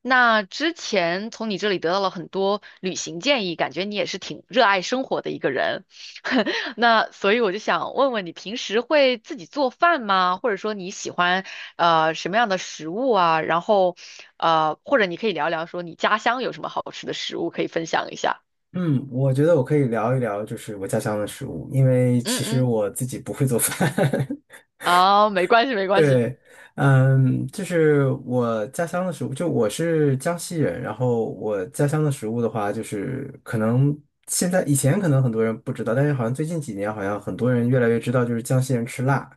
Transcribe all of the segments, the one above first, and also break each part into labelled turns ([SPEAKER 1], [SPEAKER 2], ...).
[SPEAKER 1] 那之前从你这里得到了很多旅行建议，感觉你也是挺热爱生活的一个人。那所以我就想问问你，平时会自己做饭吗？或者说你喜欢什么样的食物啊？然后或者你可以聊聊说你家乡有什么好吃的食物可以分享一下。
[SPEAKER 2] 嗯，我觉得我可以聊一聊，就是我家乡的食物，因为
[SPEAKER 1] 嗯
[SPEAKER 2] 其实
[SPEAKER 1] 嗯，
[SPEAKER 2] 我自己不会做饭。
[SPEAKER 1] 哦，没关系没关系。
[SPEAKER 2] 对。就是我家乡的食物，就我是江西人，然后我家乡的食物的话，就是可能现在以前可能很多人不知道，但是好像最近几年好像很多人越来越知道，就是江西人吃辣。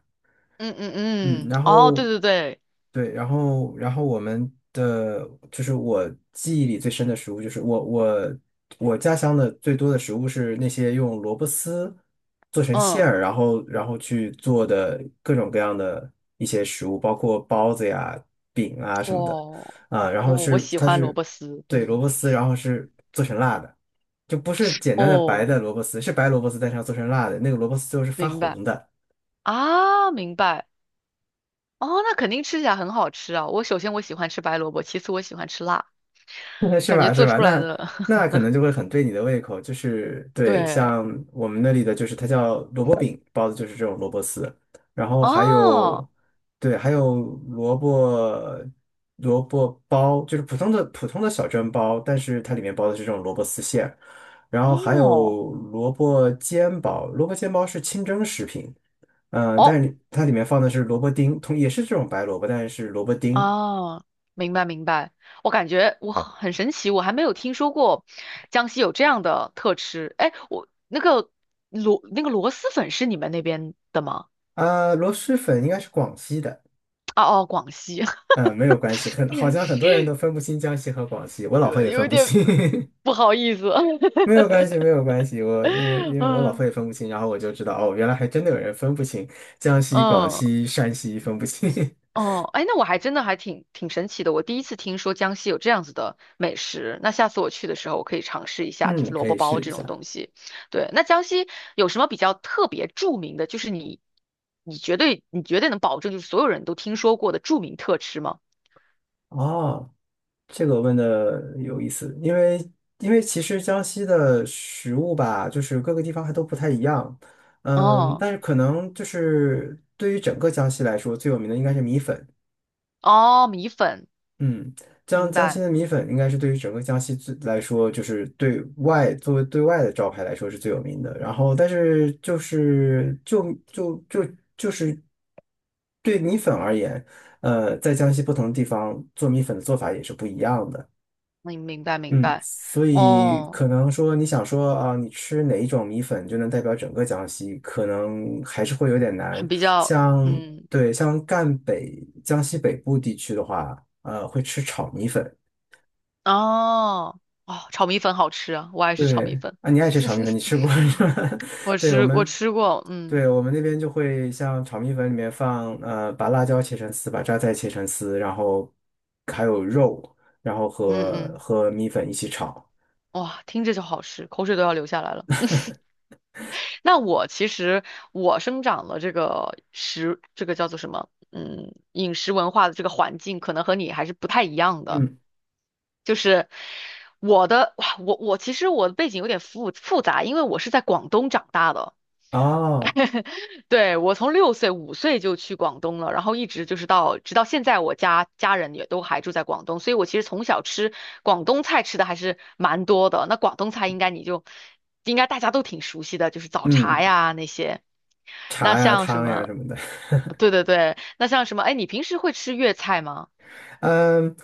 [SPEAKER 1] 嗯嗯
[SPEAKER 2] 嗯，
[SPEAKER 1] 嗯，
[SPEAKER 2] 然
[SPEAKER 1] 哦，
[SPEAKER 2] 后
[SPEAKER 1] 对对对，
[SPEAKER 2] 对，然后然后我们的就是我记忆里最深的食物，就是我我家乡的最多的食物是那些用萝卜丝做成馅
[SPEAKER 1] 嗯，
[SPEAKER 2] 儿，然后去做的各种各样的一些食物，包括包子呀、饼啊什么的。
[SPEAKER 1] 我
[SPEAKER 2] 啊，然后
[SPEAKER 1] 我
[SPEAKER 2] 是
[SPEAKER 1] 喜
[SPEAKER 2] 它
[SPEAKER 1] 欢萝
[SPEAKER 2] 是
[SPEAKER 1] 卜丝。
[SPEAKER 2] 对，萝
[SPEAKER 1] 嗯，
[SPEAKER 2] 卜丝，然后是做成辣的，就不是简单的白
[SPEAKER 1] 哦，
[SPEAKER 2] 的萝卜丝，是白萝卜丝，但是要做成辣的，那个萝卜丝最后是发
[SPEAKER 1] 明白
[SPEAKER 2] 红的。
[SPEAKER 1] 啊，明白。哦，那肯定吃起来很好吃啊！我首先我喜欢吃白萝卜，其次我喜欢吃辣，
[SPEAKER 2] 是
[SPEAKER 1] 感觉
[SPEAKER 2] 吧？是
[SPEAKER 1] 做
[SPEAKER 2] 吧？
[SPEAKER 1] 出来
[SPEAKER 2] 那
[SPEAKER 1] 的
[SPEAKER 2] 那可能就会很对你的胃口，就是对。
[SPEAKER 1] 对，
[SPEAKER 2] 像我们那里的就是它叫萝卜饼包的，就是这种萝卜丝，然后还
[SPEAKER 1] 哦
[SPEAKER 2] 有。对，还有萝卜萝卜包，就是普通的小蒸包，但是它里面包的是这种萝卜丝馅，然后还
[SPEAKER 1] 哦
[SPEAKER 2] 有萝卜煎包，萝卜煎包是清蒸食品。
[SPEAKER 1] 哦
[SPEAKER 2] 但是它里面放的是萝卜丁，同也是这种白萝卜，但是是萝卜丁。
[SPEAKER 1] 哦，明白明白。我感觉我很神奇，我还没有听说过江西有这样的特吃。哎，我那个螺蛳粉是你们那边的吗？
[SPEAKER 2] 螺蛳粉应该是广西的。
[SPEAKER 1] 哦哦，广西，
[SPEAKER 2] 嗯，没有关系。很好像很多 人都分不清江西和广西，我老婆也
[SPEAKER 1] 有
[SPEAKER 2] 分
[SPEAKER 1] 一
[SPEAKER 2] 不
[SPEAKER 1] 点
[SPEAKER 2] 清。
[SPEAKER 1] 不好意思，
[SPEAKER 2] 没有关系，没 有关系，我因为我老婆
[SPEAKER 1] 嗯
[SPEAKER 2] 也分不清，然后我就知道，哦，原来还真的有人分不清江西、广
[SPEAKER 1] 嗯。
[SPEAKER 2] 西、山西分不清。
[SPEAKER 1] 哦，哎，那我还真的还挺神奇的，我第一次听说江西有这样子的美食，那下次我去的时候我可以尝试一 下，就是
[SPEAKER 2] 嗯，
[SPEAKER 1] 萝
[SPEAKER 2] 可
[SPEAKER 1] 卜
[SPEAKER 2] 以
[SPEAKER 1] 包
[SPEAKER 2] 试一
[SPEAKER 1] 这种
[SPEAKER 2] 下。
[SPEAKER 1] 东西。对，那江西有什么比较特别著名的，就是你绝对能保证就是所有人都听说过的著名特吃吗？
[SPEAKER 2] 哦，这个问的有意思。因为其实江西的食物吧，就是各个地方还都不太一样。
[SPEAKER 1] 哦
[SPEAKER 2] 但是可能就是对于整个江西来说，最有名的应该是米粉。
[SPEAKER 1] 哦，米粉，
[SPEAKER 2] 嗯，江
[SPEAKER 1] 明
[SPEAKER 2] 江西
[SPEAKER 1] 白，
[SPEAKER 2] 的米粉应该是对于整个江西最来说，就是对外作为对外的招牌来说是最有名的。然后，但是就是对米粉而言，在江西不同的地方做米粉的做法也是不一样的。
[SPEAKER 1] 明明白明
[SPEAKER 2] 嗯，
[SPEAKER 1] 白，
[SPEAKER 2] 所以
[SPEAKER 1] 哦，
[SPEAKER 2] 可能说你想说啊，你吃哪一种米粉就能代表整个江西，可能还是会有点难。
[SPEAKER 1] 很比较，
[SPEAKER 2] 像
[SPEAKER 1] 嗯，
[SPEAKER 2] 对，像赣北、江西北部地区的话，会吃炒米粉。
[SPEAKER 1] 哦哦，炒米粉好吃啊，我爱吃炒米
[SPEAKER 2] 对
[SPEAKER 1] 粉，
[SPEAKER 2] 啊，你爱吃炒米粉，你吃 过 是吧？
[SPEAKER 1] 我
[SPEAKER 2] 对我
[SPEAKER 1] 吃我
[SPEAKER 2] 们，
[SPEAKER 1] 吃过，嗯。
[SPEAKER 2] 对我们那边就会像炒米粉里面放把辣椒切成丝，把榨菜切成丝，然后还有肉，然后
[SPEAKER 1] 嗯
[SPEAKER 2] 和
[SPEAKER 1] 嗯，
[SPEAKER 2] 和米粉一起炒。
[SPEAKER 1] 哇，听着就好吃，口水都要流下来了。那我其实我生长了这个食，这个叫做什么？嗯，饮食文化的这个环境，可能和你还是不太一样的。
[SPEAKER 2] 嗯。
[SPEAKER 1] 就是哇，我其实我的背景有点复杂，因为我是在广东长大的。
[SPEAKER 2] 哦。
[SPEAKER 1] 对，我从6岁、5岁就去广东了，然后一直就是直到现在，我家人也都还住在广东，所以我其实从小吃广东菜吃的还是蛮多的。那广东菜应该大家都挺熟悉的，就是早茶
[SPEAKER 2] 嗯。
[SPEAKER 1] 呀那些。那
[SPEAKER 2] 茶呀、
[SPEAKER 1] 像什
[SPEAKER 2] 汤呀
[SPEAKER 1] 么？
[SPEAKER 2] 什么的。
[SPEAKER 1] 对对对，那像什么？哎，你平时会吃粤菜吗？
[SPEAKER 2] 嗯，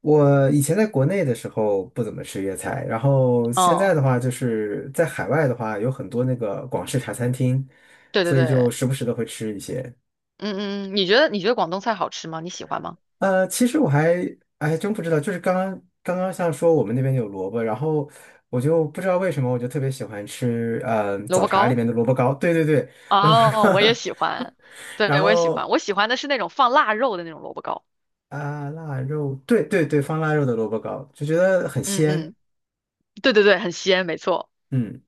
[SPEAKER 2] 我以前在国内的时候不怎么吃粤菜，然后现
[SPEAKER 1] 嗯，
[SPEAKER 2] 在的话，就是在海外的话，有很多那个广式茶餐厅，
[SPEAKER 1] 对对
[SPEAKER 2] 所以
[SPEAKER 1] 对，
[SPEAKER 2] 就时不时的会吃一些。
[SPEAKER 1] 嗯嗯嗯，你觉得广东菜好吃吗？你喜欢吗？
[SPEAKER 2] 其实我还哎真不知道，就是刚刚像说我们那边有萝卜，然后我就不知道为什么我就特别喜欢吃，
[SPEAKER 1] 萝
[SPEAKER 2] 早
[SPEAKER 1] 卜
[SPEAKER 2] 茶里
[SPEAKER 1] 糕？
[SPEAKER 2] 面的萝卜糕。对对对，萝卜
[SPEAKER 1] 哦，我也
[SPEAKER 2] 糕。
[SPEAKER 1] 喜欢，
[SPEAKER 2] 然
[SPEAKER 1] 对，我也喜欢，
[SPEAKER 2] 后
[SPEAKER 1] 我喜欢的是那种放腊肉的那种萝卜糕。
[SPEAKER 2] 啊，腊肉，对对对，放腊肉的萝卜糕，就觉得很
[SPEAKER 1] 嗯
[SPEAKER 2] 鲜。
[SPEAKER 1] 嗯，对对对，很鲜，没错。
[SPEAKER 2] 嗯，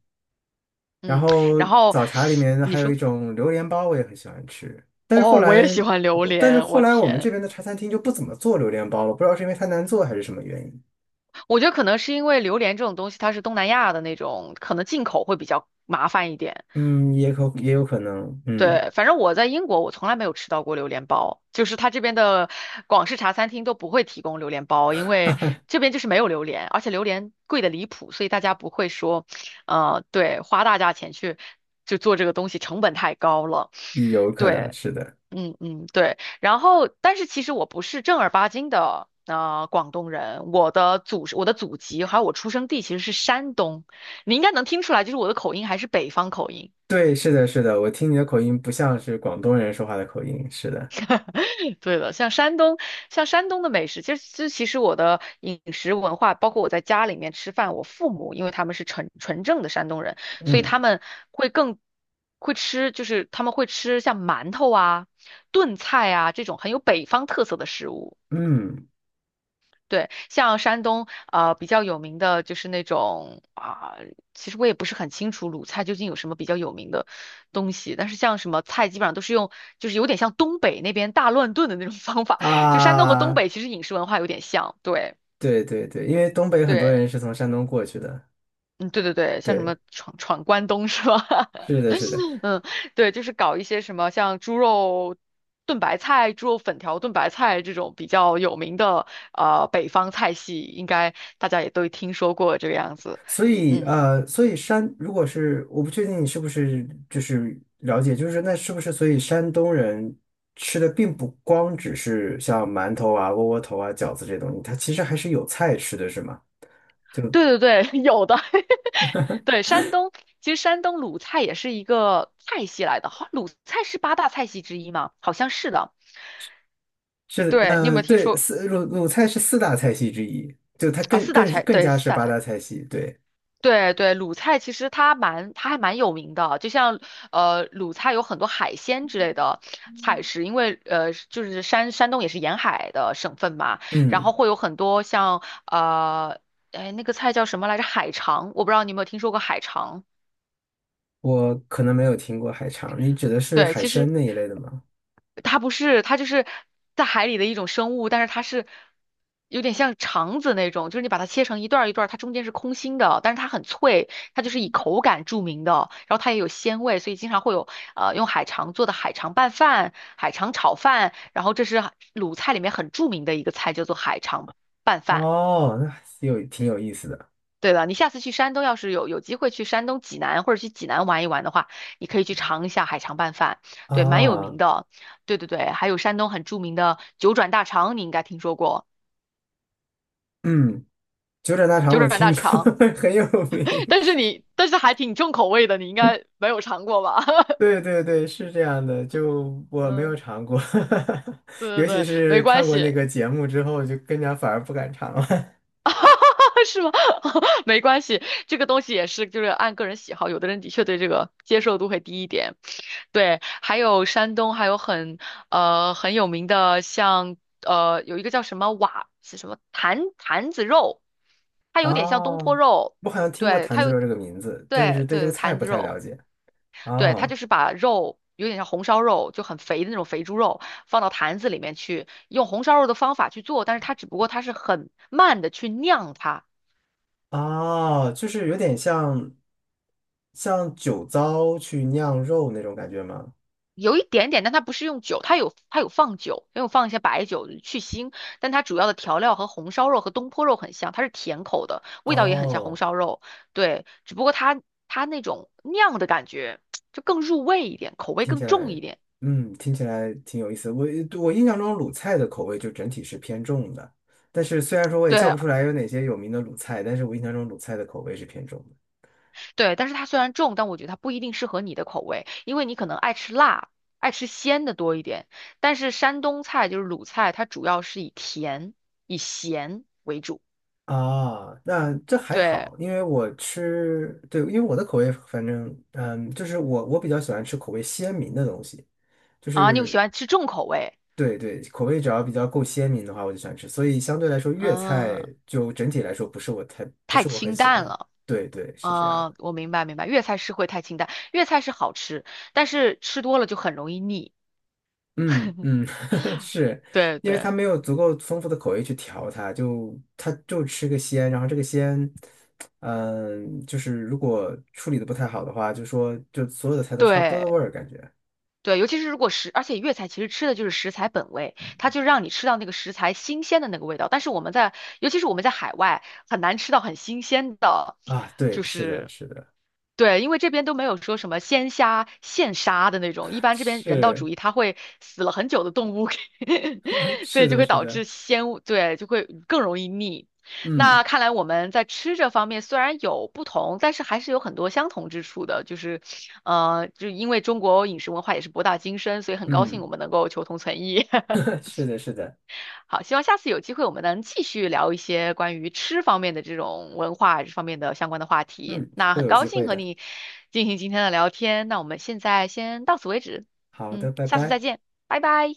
[SPEAKER 2] 然
[SPEAKER 1] 嗯，
[SPEAKER 2] 后
[SPEAKER 1] 然后
[SPEAKER 2] 早茶里面
[SPEAKER 1] 你
[SPEAKER 2] 还有一
[SPEAKER 1] 说，
[SPEAKER 2] 种榴莲包，我也很喜欢吃。但是后
[SPEAKER 1] 哦，我也
[SPEAKER 2] 来，
[SPEAKER 1] 喜欢榴
[SPEAKER 2] 但是
[SPEAKER 1] 莲，
[SPEAKER 2] 后
[SPEAKER 1] 我
[SPEAKER 2] 来我们
[SPEAKER 1] 天，
[SPEAKER 2] 这边的茶餐厅就不怎么做榴莲包了，不知道是因为它难做还是什么原因。
[SPEAKER 1] 我觉得可能是因为榴莲这种东西它是东南亚的那种，可能进口会比较麻烦一点。
[SPEAKER 2] 也有可能。嗯，
[SPEAKER 1] 对，反正我在英国，我从来没有吃到过榴莲包，就是它这边的广式茶餐厅都不会提供榴莲包，因为这边就是没有榴莲，而且榴莲贵的离谱，所以大家不会说，对，花大价钱去做这个东西，成本太高了。
[SPEAKER 2] 也有可能
[SPEAKER 1] 对，
[SPEAKER 2] 是的。
[SPEAKER 1] 嗯嗯，对。然后，但是其实我不是正儿八经的广东人，我的祖籍还有我出生地其实是山东，你应该能听出来，就是我的口音还是北方口音。
[SPEAKER 2] 对，是的，是的，我听你的口音不像是广东人说话的口音，是的。
[SPEAKER 1] 对的，像山东，像山东的美食，其实我的饮食文化，包括我在家里面吃饭，我父母因为他们是纯正的山东人，所以
[SPEAKER 2] 嗯
[SPEAKER 1] 他们会更会吃，就是他们会吃像馒头啊、炖菜啊这种很有北方特色的食物。
[SPEAKER 2] 嗯。
[SPEAKER 1] 对，像山东比较有名的就是那种啊、其实我也不是很清楚鲁菜究竟有什么比较有名的东西，但是像什么菜基本上都是用，就是有点像东北那边大乱炖的那种 方法，就山东和东
[SPEAKER 2] 啊，
[SPEAKER 1] 北其实饮食文化有点像，对
[SPEAKER 2] 对对对，因为东北很多
[SPEAKER 1] 对，
[SPEAKER 2] 人是从山东过去的。
[SPEAKER 1] 嗯对对对，像什么
[SPEAKER 2] 对，
[SPEAKER 1] 闯关东是吧？
[SPEAKER 2] 是的，是的。
[SPEAKER 1] 嗯，对，就是搞一些什么像猪肉炖白菜、猪肉粉条炖白菜这种比较有名的北方菜系，应该大家也都听说过这个样子。嗯，
[SPEAKER 2] 所以山如果是我不确定你是不是就是了解，就是那是不是所以山东人吃的并不光只是像馒头啊、窝窝头啊、饺子这些东西，它其实还是有菜吃的，是吗？就
[SPEAKER 1] 对对对，有的。对，其实山东鲁菜也是一个菜系来的，好，鲁菜是八大菜系之一吗？好像是的。对，你有没有听
[SPEAKER 2] 对，
[SPEAKER 1] 说
[SPEAKER 2] 四鲁菜是四大菜系之一，就它
[SPEAKER 1] 啊？四大菜，
[SPEAKER 2] 更
[SPEAKER 1] 对，
[SPEAKER 2] 加
[SPEAKER 1] 四
[SPEAKER 2] 是
[SPEAKER 1] 大
[SPEAKER 2] 八
[SPEAKER 1] 菜。
[SPEAKER 2] 大菜系。对。
[SPEAKER 1] 对对，鲁菜其实它蛮，它还蛮有名的。就像鲁菜有很多海鲜之类的菜式，因为就是山东也是沿海的省份嘛，然
[SPEAKER 2] 嗯，
[SPEAKER 1] 后会有很多像哎，那个菜叫什么来着？海肠，我不知道你有没有听说过海肠。
[SPEAKER 2] 我可能没有听过海肠，你指的是
[SPEAKER 1] 对，
[SPEAKER 2] 海
[SPEAKER 1] 其
[SPEAKER 2] 参
[SPEAKER 1] 实
[SPEAKER 2] 那一类的吗？
[SPEAKER 1] 它不是，它就是在海里的一种生物，但是它是有点像肠子那种，就是你把它切成一段儿一段儿，它中间是空心的，但是它很脆，它就是以口感著名的，然后它也有鲜味，所以经常会有用海肠做的海肠拌饭、海肠炒饭，然后这是鲁菜里面很著名的一个菜，叫做海肠拌饭。
[SPEAKER 2] 哦，那有挺有意思的
[SPEAKER 1] 对了，你下次去山东，要是有机会去山东济南或者去济南玩一玩的话，你可以去尝一下海肠拌饭，对，蛮有名
[SPEAKER 2] 啊。
[SPEAKER 1] 的。对对对，还有山东很著名的九转大肠，你应该听说过
[SPEAKER 2] 嗯。九转大肠
[SPEAKER 1] 九
[SPEAKER 2] 我
[SPEAKER 1] 转大
[SPEAKER 2] 听过，
[SPEAKER 1] 肠，
[SPEAKER 2] 很有 名。
[SPEAKER 1] 但是还挺重口味的，你应该没有尝过吧？
[SPEAKER 2] 对对对，是这样的，就我没有
[SPEAKER 1] 嗯，
[SPEAKER 2] 尝过。
[SPEAKER 1] 对对
[SPEAKER 2] 尤其
[SPEAKER 1] 对，
[SPEAKER 2] 是
[SPEAKER 1] 没关
[SPEAKER 2] 看过那
[SPEAKER 1] 系。
[SPEAKER 2] 个节目之后，就更加反而不敢尝了。
[SPEAKER 1] 是吗？没关系，这个东西也是就是按个人喜好，有的人的确对这个接受度会低一点。对，还有山东还有很有名的像有一个叫什么坛子肉，它有点像东坡
[SPEAKER 2] 哦，
[SPEAKER 1] 肉，
[SPEAKER 2] 我好像听过
[SPEAKER 1] 对，
[SPEAKER 2] 坛子肉这个名字，但是
[SPEAKER 1] 对
[SPEAKER 2] 对这个
[SPEAKER 1] 对，
[SPEAKER 2] 菜
[SPEAKER 1] 坛
[SPEAKER 2] 不
[SPEAKER 1] 子
[SPEAKER 2] 太了
[SPEAKER 1] 肉，
[SPEAKER 2] 解。
[SPEAKER 1] 对，它
[SPEAKER 2] 哦
[SPEAKER 1] 就是把肉。有点像红烧肉，就很肥的那种肥猪肉，放到坛子里面去，用红烧肉的方法去做，但是它只不过它是很慢的去酿它，
[SPEAKER 2] 哦，就是有点像酒糟去酿肉那种感觉吗？
[SPEAKER 1] 有一点点，但它不是用酒，它有放酒，也有放一些白酒去腥，但它主要的调料和红烧肉和东坡肉很像，它是甜口的，味道也很像红
[SPEAKER 2] 哦。
[SPEAKER 1] 烧肉，对，只不过它那种酿的感觉就更入味一点，口味
[SPEAKER 2] 听
[SPEAKER 1] 更
[SPEAKER 2] 起
[SPEAKER 1] 重
[SPEAKER 2] 来，
[SPEAKER 1] 一点，
[SPEAKER 2] 听起来挺有意思。我我印象中鲁菜的口味就整体是偏重的，但是虽然说我也叫
[SPEAKER 1] 对
[SPEAKER 2] 不出来有哪些有名的鲁菜，但是我印象中鲁菜的口味是偏重的。
[SPEAKER 1] 对，但是它虽然重，但我觉得它不一定适合你的口味，因为你可能爱吃辣，爱吃鲜的多一点，但是山东菜就是鲁菜，它主要是以咸为主，
[SPEAKER 2] 啊，那这还
[SPEAKER 1] 对
[SPEAKER 2] 好，因为我吃，对，因为我的口味反正，就是我比较喜欢吃口味鲜明的东西，就
[SPEAKER 1] 啊，你喜
[SPEAKER 2] 是
[SPEAKER 1] 欢吃重口味。
[SPEAKER 2] 对对，口味只要比较够鲜明的话，我就喜欢吃。所以相对来说，粤
[SPEAKER 1] 嗯，
[SPEAKER 2] 菜就整体来说不
[SPEAKER 1] 太
[SPEAKER 2] 是我很
[SPEAKER 1] 清
[SPEAKER 2] 喜
[SPEAKER 1] 淡
[SPEAKER 2] 欢。
[SPEAKER 1] 了。
[SPEAKER 2] 对对，是这样
[SPEAKER 1] 啊、
[SPEAKER 2] 的。
[SPEAKER 1] 我明白明白，粤菜是会太清淡，粤菜是好吃，但是吃多了就很容易腻。
[SPEAKER 2] 嗯嗯。是
[SPEAKER 1] 对
[SPEAKER 2] 因为
[SPEAKER 1] 对
[SPEAKER 2] 它没有足够丰富的口味去调它，就它就吃个鲜，然后这个鲜，就是如果处理的不太好的话，就说就所有的菜都差不多
[SPEAKER 1] 对
[SPEAKER 2] 的味儿感觉。
[SPEAKER 1] 对，尤其是如果食，而且粤菜其实吃的就是食材本味，它就让你吃到那个食材新鲜的那个味道。但是我们在，尤其是我们在海外，很难吃到很新鲜的，
[SPEAKER 2] 啊，对，
[SPEAKER 1] 就
[SPEAKER 2] 是的，
[SPEAKER 1] 是
[SPEAKER 2] 是的。
[SPEAKER 1] 对，因为这边都没有说什么鲜虾现杀的那种，一 般这边人道
[SPEAKER 2] 是
[SPEAKER 1] 主义，它会死了很久的动物给，所
[SPEAKER 2] 是
[SPEAKER 1] 以就
[SPEAKER 2] 的，
[SPEAKER 1] 会
[SPEAKER 2] 是
[SPEAKER 1] 导
[SPEAKER 2] 的。
[SPEAKER 1] 致鲜物对，就会更容易腻。
[SPEAKER 2] 嗯
[SPEAKER 1] 那看来我们在吃这方面虽然有不同，但是还是有很多相同之处的，就是，就因为中国饮食文化也是博大精深，所以很高兴我
[SPEAKER 2] 嗯。
[SPEAKER 1] 们能够求同存异。
[SPEAKER 2] 是的，是的。
[SPEAKER 1] 好，希望下次有机会我们能继续聊一些关于吃方面的这种文化这方面的相关的话题。
[SPEAKER 2] 嗯，
[SPEAKER 1] 那
[SPEAKER 2] 会
[SPEAKER 1] 很
[SPEAKER 2] 有
[SPEAKER 1] 高
[SPEAKER 2] 机
[SPEAKER 1] 兴
[SPEAKER 2] 会
[SPEAKER 1] 和
[SPEAKER 2] 的。
[SPEAKER 1] 你进行今天的聊天，那我们现在先到此为止，
[SPEAKER 2] 好
[SPEAKER 1] 嗯，
[SPEAKER 2] 的，拜
[SPEAKER 1] 下次再
[SPEAKER 2] 拜。
[SPEAKER 1] 见，拜拜。